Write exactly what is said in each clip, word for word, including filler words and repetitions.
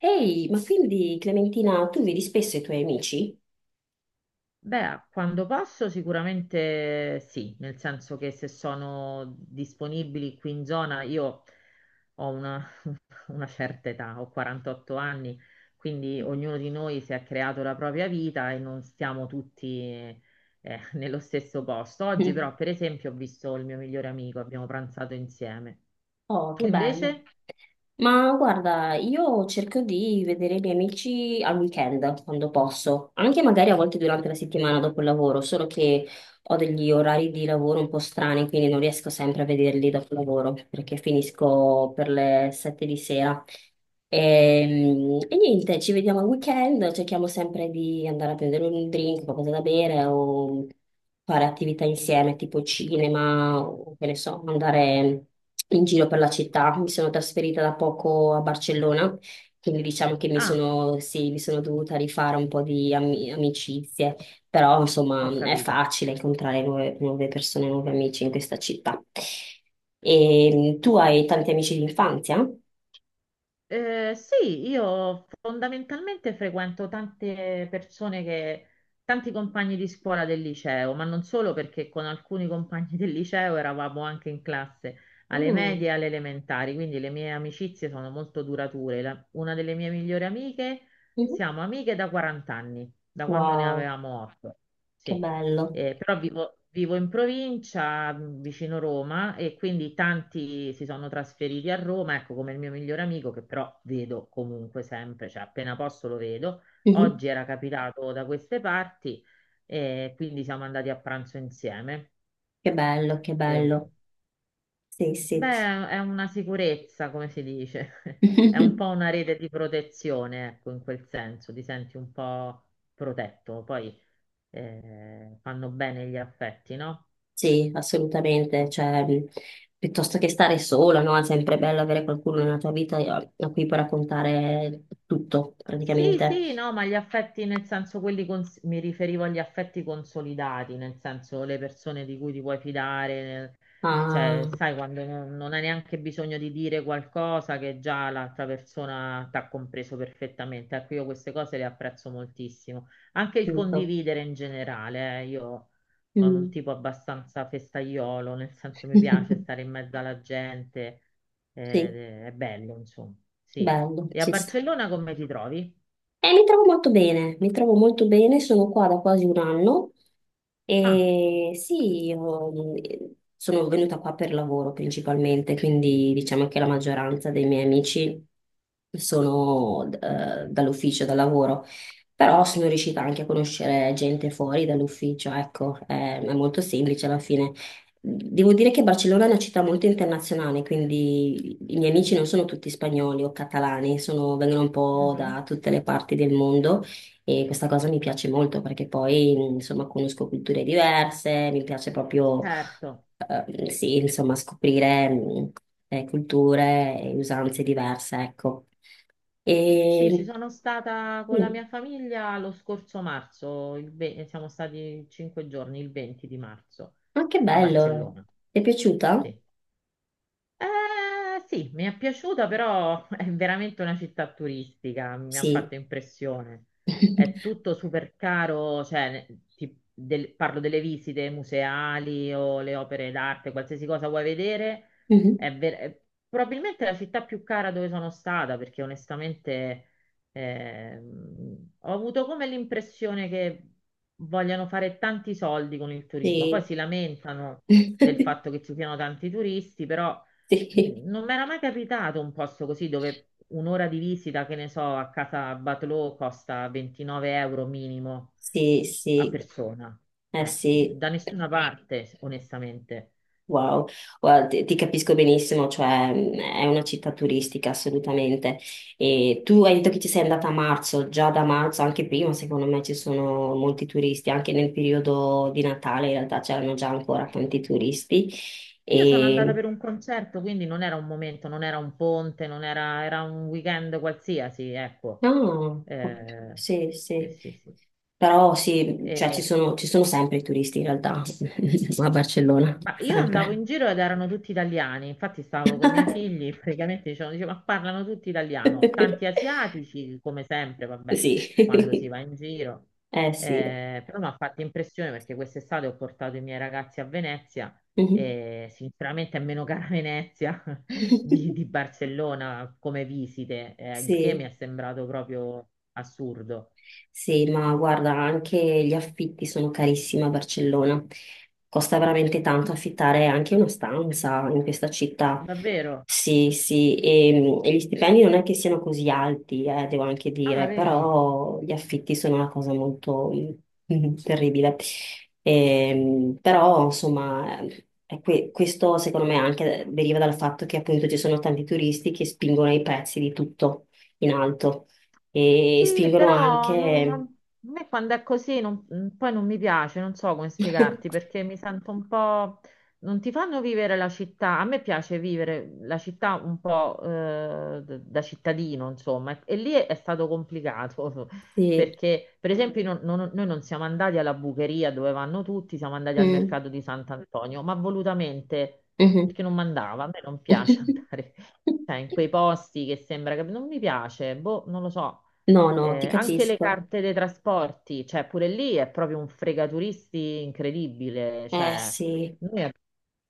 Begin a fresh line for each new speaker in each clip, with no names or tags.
Ehi, ma quindi Clementina, tu vedi spesso i tuoi amici?
Beh, quando posso sicuramente sì, nel senso che se sono disponibili qui in zona, io ho una, una certa età, ho quarantotto anni, quindi ognuno di noi si è creato la propria vita e non stiamo tutti eh, nello stesso posto. Oggi
Mm.
però, per esempio, ho visto il mio migliore amico, abbiamo pranzato insieme.
Oh,
Tu
che bello.
invece?
Ma guarda, io cerco di vedere i miei amici al weekend, quando posso, anche magari a volte durante la settimana dopo il lavoro, solo che ho degli orari di lavoro un po' strani, quindi non riesco sempre a vederli dopo il lavoro, perché finisco per le sette di sera. Ehm, E, niente, ci vediamo al weekend, cerchiamo sempre di andare a prendere un drink, qualcosa da bere o fare attività insieme, tipo cinema, o che ne so, andare in giro per la città. Mi sono trasferita da poco a Barcellona, quindi diciamo che mi
Ah,
sono, sì, mi sono dovuta rifare un po' di ami- amicizie, però
ho
insomma è
capito.
facile incontrare nuove, nuove persone, nuovi amici in questa città. E tu hai tanti amici di infanzia?
Eh, sì, io fondamentalmente frequento tante persone che, tanti compagni di scuola del liceo, ma non solo perché con alcuni compagni del liceo eravamo anche in classe alle medie e
Mm.
alle elementari, quindi le mie amicizie sono molto durature. La- una delle mie migliori amiche,
Mhm.
siamo amiche da quaranta anni, da quando ne
Wow,
avevamo otto.
che bello.
Eh, però vivo, vivo in provincia, mh, vicino Roma, e quindi tanti si sono trasferiti a Roma, ecco come il mio migliore amico, che però vedo comunque sempre, cioè appena posso lo vedo.
Mhm.
Oggi era capitato da queste parti, e quindi siamo andati a pranzo insieme.
Che bello, che
E,
bello. Sì, sì.
beh, è una sicurezza, come si dice, è un po' una rete di protezione, ecco, in quel senso, ti senti un po' protetto. Poi eh, fanno bene gli affetti, no?
Sì, assolutamente, cioè, mh, piuttosto che stare sola, no? È sempre bello avere qualcuno nella tua vita a a cui puoi raccontare tutto,
Sì,
praticamente.
sì, no, ma gli affetti nel senso quelli cons- mi riferivo agli affetti consolidati, nel senso le persone di cui ti puoi fidare, nel-
Ah,
cioè sai quando non, non hai neanche bisogno di dire qualcosa che già l'altra persona ti ha compreso perfettamente. Ecco, io queste cose le apprezzo moltissimo. Anche il
tutto.
condividere in generale, eh, io sono un
Mm.
tipo abbastanza festaiolo, nel senso mi piace stare in mezzo alla gente,
Sì,
eh, è bello, insomma, sì.
bello,
E a
ci sta.
Barcellona come ti trovi?
E mi trovo molto bene, mi trovo molto bene, sono qua da quasi un anno.
Ah,
E sì, io mh, sono venuta qua per lavoro principalmente, quindi diciamo che la maggioranza dei miei amici sono eh, dall'ufficio, dal lavoro, però sono riuscita anche a conoscere gente fuori dall'ufficio, ecco, è, è molto semplice alla fine. Devo dire che Barcellona è una città molto internazionale, quindi i miei amici non sono tutti spagnoli o catalani, sono- vengono un po'
mhm,
da tutte le parti del mondo. E questa cosa mi piace molto perché poi, insomma, conosco culture diverse, mi piace proprio,
certo.
eh, sì, insomma, scoprire, mh, eh, culture e usanze diverse, ecco.
Sì, ci
E
sono stata con la
sì,
mia famiglia lo scorso marzo, il ve- siamo stati cinque giorni, il venti di marzo,
ma che
a
bello!
Barcellona.
Ti è piaciuta?
Sì. Eh, sì, mi è piaciuta, però è veramente una città turistica, mi ha
Sì.
fatto impressione. È tutto super caro, cioè, ne- ti- del- parlo delle visite museali o le opere d'arte, qualsiasi cosa vuoi vedere,
Mhm.
è, ver- è probabilmente la città più cara dove sono stata, perché onestamente ehm, ho avuto come l'impressione che vogliano fare tanti soldi con il turismo, poi
Sì.
si lamentano del fatto che ci siano tanti turisti, però
Sì,
non mi era mai capitato un posto così dove un'ora di visita, che ne so, a casa Batlló costa ventinove euro minimo
sì,
a
sì.
persona.
Eh
Eh,
sì.
da nessuna parte, onestamente.
Wow, guarda, ti, ti capisco benissimo, cioè mh, è una città turistica assolutamente. E tu hai detto che ci sei andata a marzo, già da marzo, anche prima, secondo me ci sono molti turisti, anche nel periodo di Natale in realtà c'erano già ancora tanti turisti.
Io sono andata
E...
per un concerto, quindi non era un momento, non era un ponte, non era, era un weekend qualsiasi, ecco.
No, ok,
Eh,
sì,
sì,
sì,
sì,
però sì, cioè ci
sì.
sono, ci sono sempre i turisti in realtà a Barcellona,
Ma io andavo
sempre.
in giro ed erano tutti italiani, infatti stavo con i miei figli, praticamente dicevano, dicevo, ma parlano tutti italiano, tanti asiatici, come sempre, vabbè,
Sì,
quando si va in giro.
eh sì.
Eh, però mi ha fatto impressione perché quest'estate ho portato i miei ragazzi a Venezia
Mhm.
e sinceramente è meno cara Venezia di, di Barcellona come visite, eh, il che mi è
Sì.
sembrato proprio assurdo.
Sì, ma guarda, anche gli affitti sono carissimi a Barcellona. Costa veramente tanto affittare anche una stanza in questa città.
Davvero?
Sì, sì, e, e gli stipendi non è che siano così alti, eh, devo anche
Ah,
dire,
vedi?
però gli affitti sono una cosa molto mm, terribile. Ehm, però, insomma, è que- questo secondo me anche deriva dal fatto che appunto ci sono tanti turisti che spingono i prezzi di tutto in alto e
Sì,
spingono
però non-
anche...
a me quando è così non- mm, poi non mi piace, non so come spiegarti perché mi sento un po'... Non ti fanno vivere la città, a me piace vivere la città un po' eh, d- da cittadino, insomma, e lì è, è stato complicato
Sì.
perché, per esempio, non- non- noi non siamo andati alla bucheria dove vanno tutti, siamo andati al
Mm.
mercato di Sant'Antonio, ma volutamente
Mhm.
perché non mandava, a me non piace andare cioè, in quei posti che sembra che non mi piace, boh, non lo so.
No, no, ti
Eh, anche le
capisco.
carte dei trasporti, cioè pure lì è proprio un fregaturisti incredibile.
Eh
Cioè,
sì.
noi ab-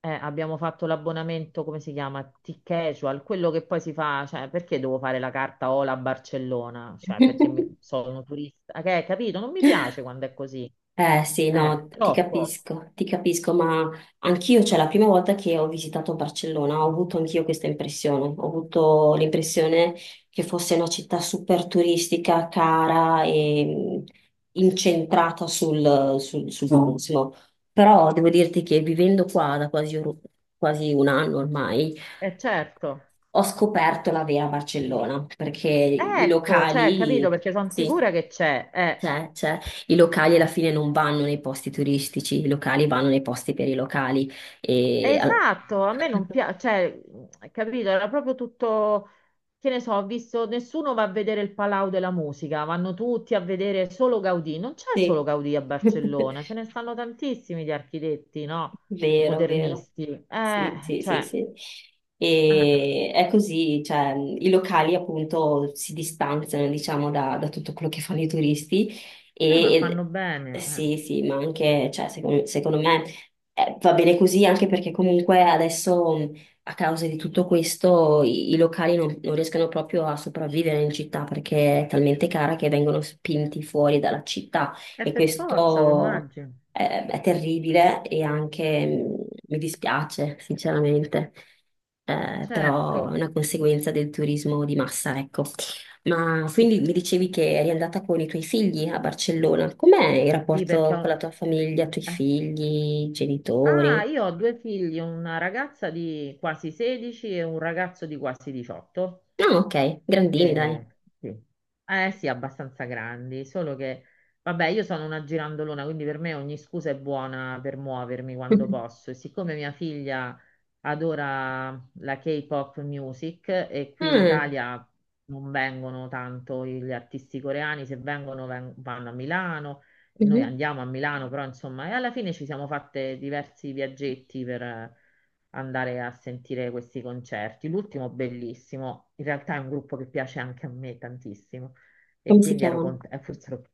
eh, abbiamo fatto l'abbonamento, come si chiama? T-Casual, quello che poi si fa, cioè, perché devo fare la carta Ola a Barcellona? Cioè, perché mi- sono turista. eh, Che, capito? Non mi piace quando è così.
Eh sì, no,
Eh,
ti
troppo.
capisco, ti capisco, ma anch'io, cioè la prima volta che ho visitato Barcellona, ho avuto anch'io questa impressione, ho avuto l'impressione che fosse una città super turistica, cara e mh, incentrata sul, sul- sul Mm. turismo. Però devo dirti che vivendo qua da quasi, or- quasi un anno ormai,
Eh, certo.
ho scoperto la vera Barcellona, perché i
Ecco, cioè, capito,
locali,
perché sono
sì.
sicura che c'è. Eh.
C'è, c'è. I locali alla fine non vanno nei posti turistici, i locali vanno nei posti per i locali. E... al-
Esatto, a me non piace, cioè, mh, capito, era proprio tutto, che ne so, ho visto, nessuno va a vedere il Palau della Musica, vanno tutti a vedere solo Gaudì, non c'è solo
Sì.
Gaudì a Barcellona, ce ne stanno tantissimi di architetti, no? E
Vero, vero.
Modernisti,
Sì,
eh,
sì, sì,
cioè,
sì.
eh,
E è così, cioè, mhmm, i locali appunto si distanziano, diciamo, da, da tutto quello che fanno i turisti
eh, ma fanno
e, e-
bene,
sì, sì, ma anche, cioè, secondo, secondo me eh, va bene così anche perché comunque adesso mh, a causa di tutto questo i, i locali non, non riescono proprio a sopravvivere in città perché è talmente cara che vengono spinti fuori dalla città
eh. È
e
per forza, lo
questo
immagino,
eh, è terribile e anche mm, mi dispiace, sinceramente. Eh, però è
certo,
una conseguenza del turismo di massa, ecco. Ma
sì,
quindi mi dicevi che eri andata con i tuoi figli a Barcellona. Com'è il
Sì, perché...
rapporto con la
ho-
tua famiglia, i tuoi
eh.
figli, i
Ah,
genitori?
io ho due figli, una ragazza di quasi sedici e un ragazzo di quasi diciotto.
No, ok, grandini, dai.
Eh, sì. Eh sì, abbastanza grandi, solo che, vabbè, io sono una girandolona, quindi per me ogni scusa è buona per muovermi quando posso. E siccome mia figlia adora la K-pop music e qui in
Ah,
Italia non vengono tanto gli artisti coreani, se vengono ven- vanno a Milano noi
mhm.
andiamo a Milano, però insomma, e alla fine ci siamo fatte diversi viaggetti per eh, andare a sentire questi concerti. L'ultimo bellissimo, in realtà è un gruppo che piace anche a me tantissimo e
Come si
quindi ero
chiamano?
contenta, forse ero-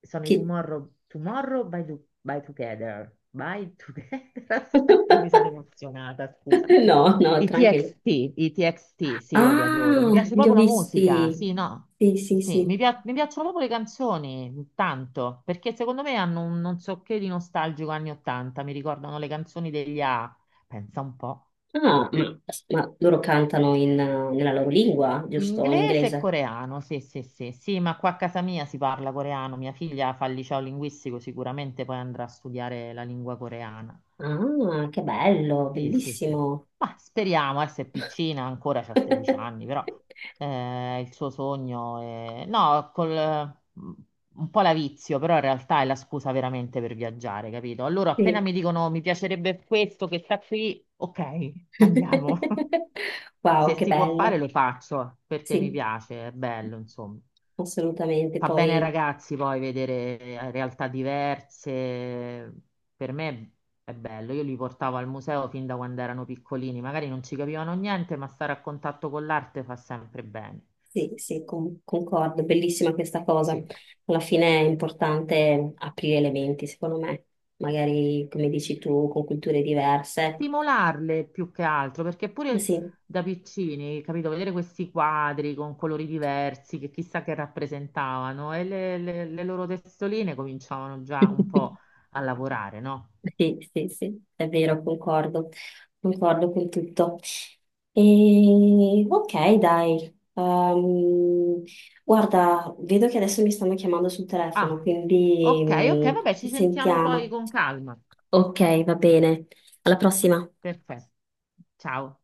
sono i
Chi-
Tomorrow, Tomorrow by, Do- by Together. By Together, aspetta, mi sono emozionata, scusa.
No, no,
I
tranquillo.
T X T, i T X T, sì, io li adoro. Mi
Ah,
piace
li ho
proprio la
visti.
musica, sì, no.
Sì, sì,
Sì, mi,
sì.
pia- mi piacciono proprio le canzoni, tanto, perché secondo me hanno un non so che di nostalgico anni ottanta, mi ricordano le canzoni degli A, pensa un po'.
Ah, ma, ma loro cantano in, eh, nella loro lingua, giusto? In
Inglese e
inglese.
coreano, sì, sì, sì, sì, ma qua a casa mia si parla coreano, mia figlia fa il liceo linguistico, sicuramente poi andrà a studiare la lingua coreana.
Ah, che bello,
Sì, sì, sì.
bellissimo.
Ma speriamo, eh, se è piccina, ancora c'ha sedici anni, però eh, il suo sogno è... No, col, mm, un po' la vizio, però in realtà è la scusa veramente per viaggiare, capito? Allora, appena
Sì.
mi dicono mi piacerebbe questo che sta qui, ok, andiamo. Se
Wow, che
si può fare
bello.
lo faccio, perché mi
Sì,
piace, è bello, insomma.
assolutamente.
Fa bene ai
Poi
ragazzi poi vedere eh, realtà diverse. Per me è bello. Io li portavo al museo fin da quando erano piccolini, magari non ci capivano niente, ma stare a contatto con l'arte fa sempre bene.
sì, sì, con- concordo, bellissima questa cosa.
Sì.
Alla fine è importante aprire le menti, secondo me. Magari, come dici tu, con culture diverse.
Stimolarle più che altro, perché pure
Sì.
da piccini, capito, vedere questi quadri con colori diversi che chissà che rappresentavano e le, le le loro testoline cominciavano già un po' a lavorare, no?
Sì, sì, sì, è vero, concordo, concordo con tutto. E, ok, dai. Ehm, guarda, vedo che adesso mi stanno chiamando sul telefono,
Ah,
quindi
ok, ok,
mm,
vabbè, ci
ci
sentiamo poi
sentiamo.
con calma.
Ok, va bene. Alla prossima.
Perfetto. Ciao.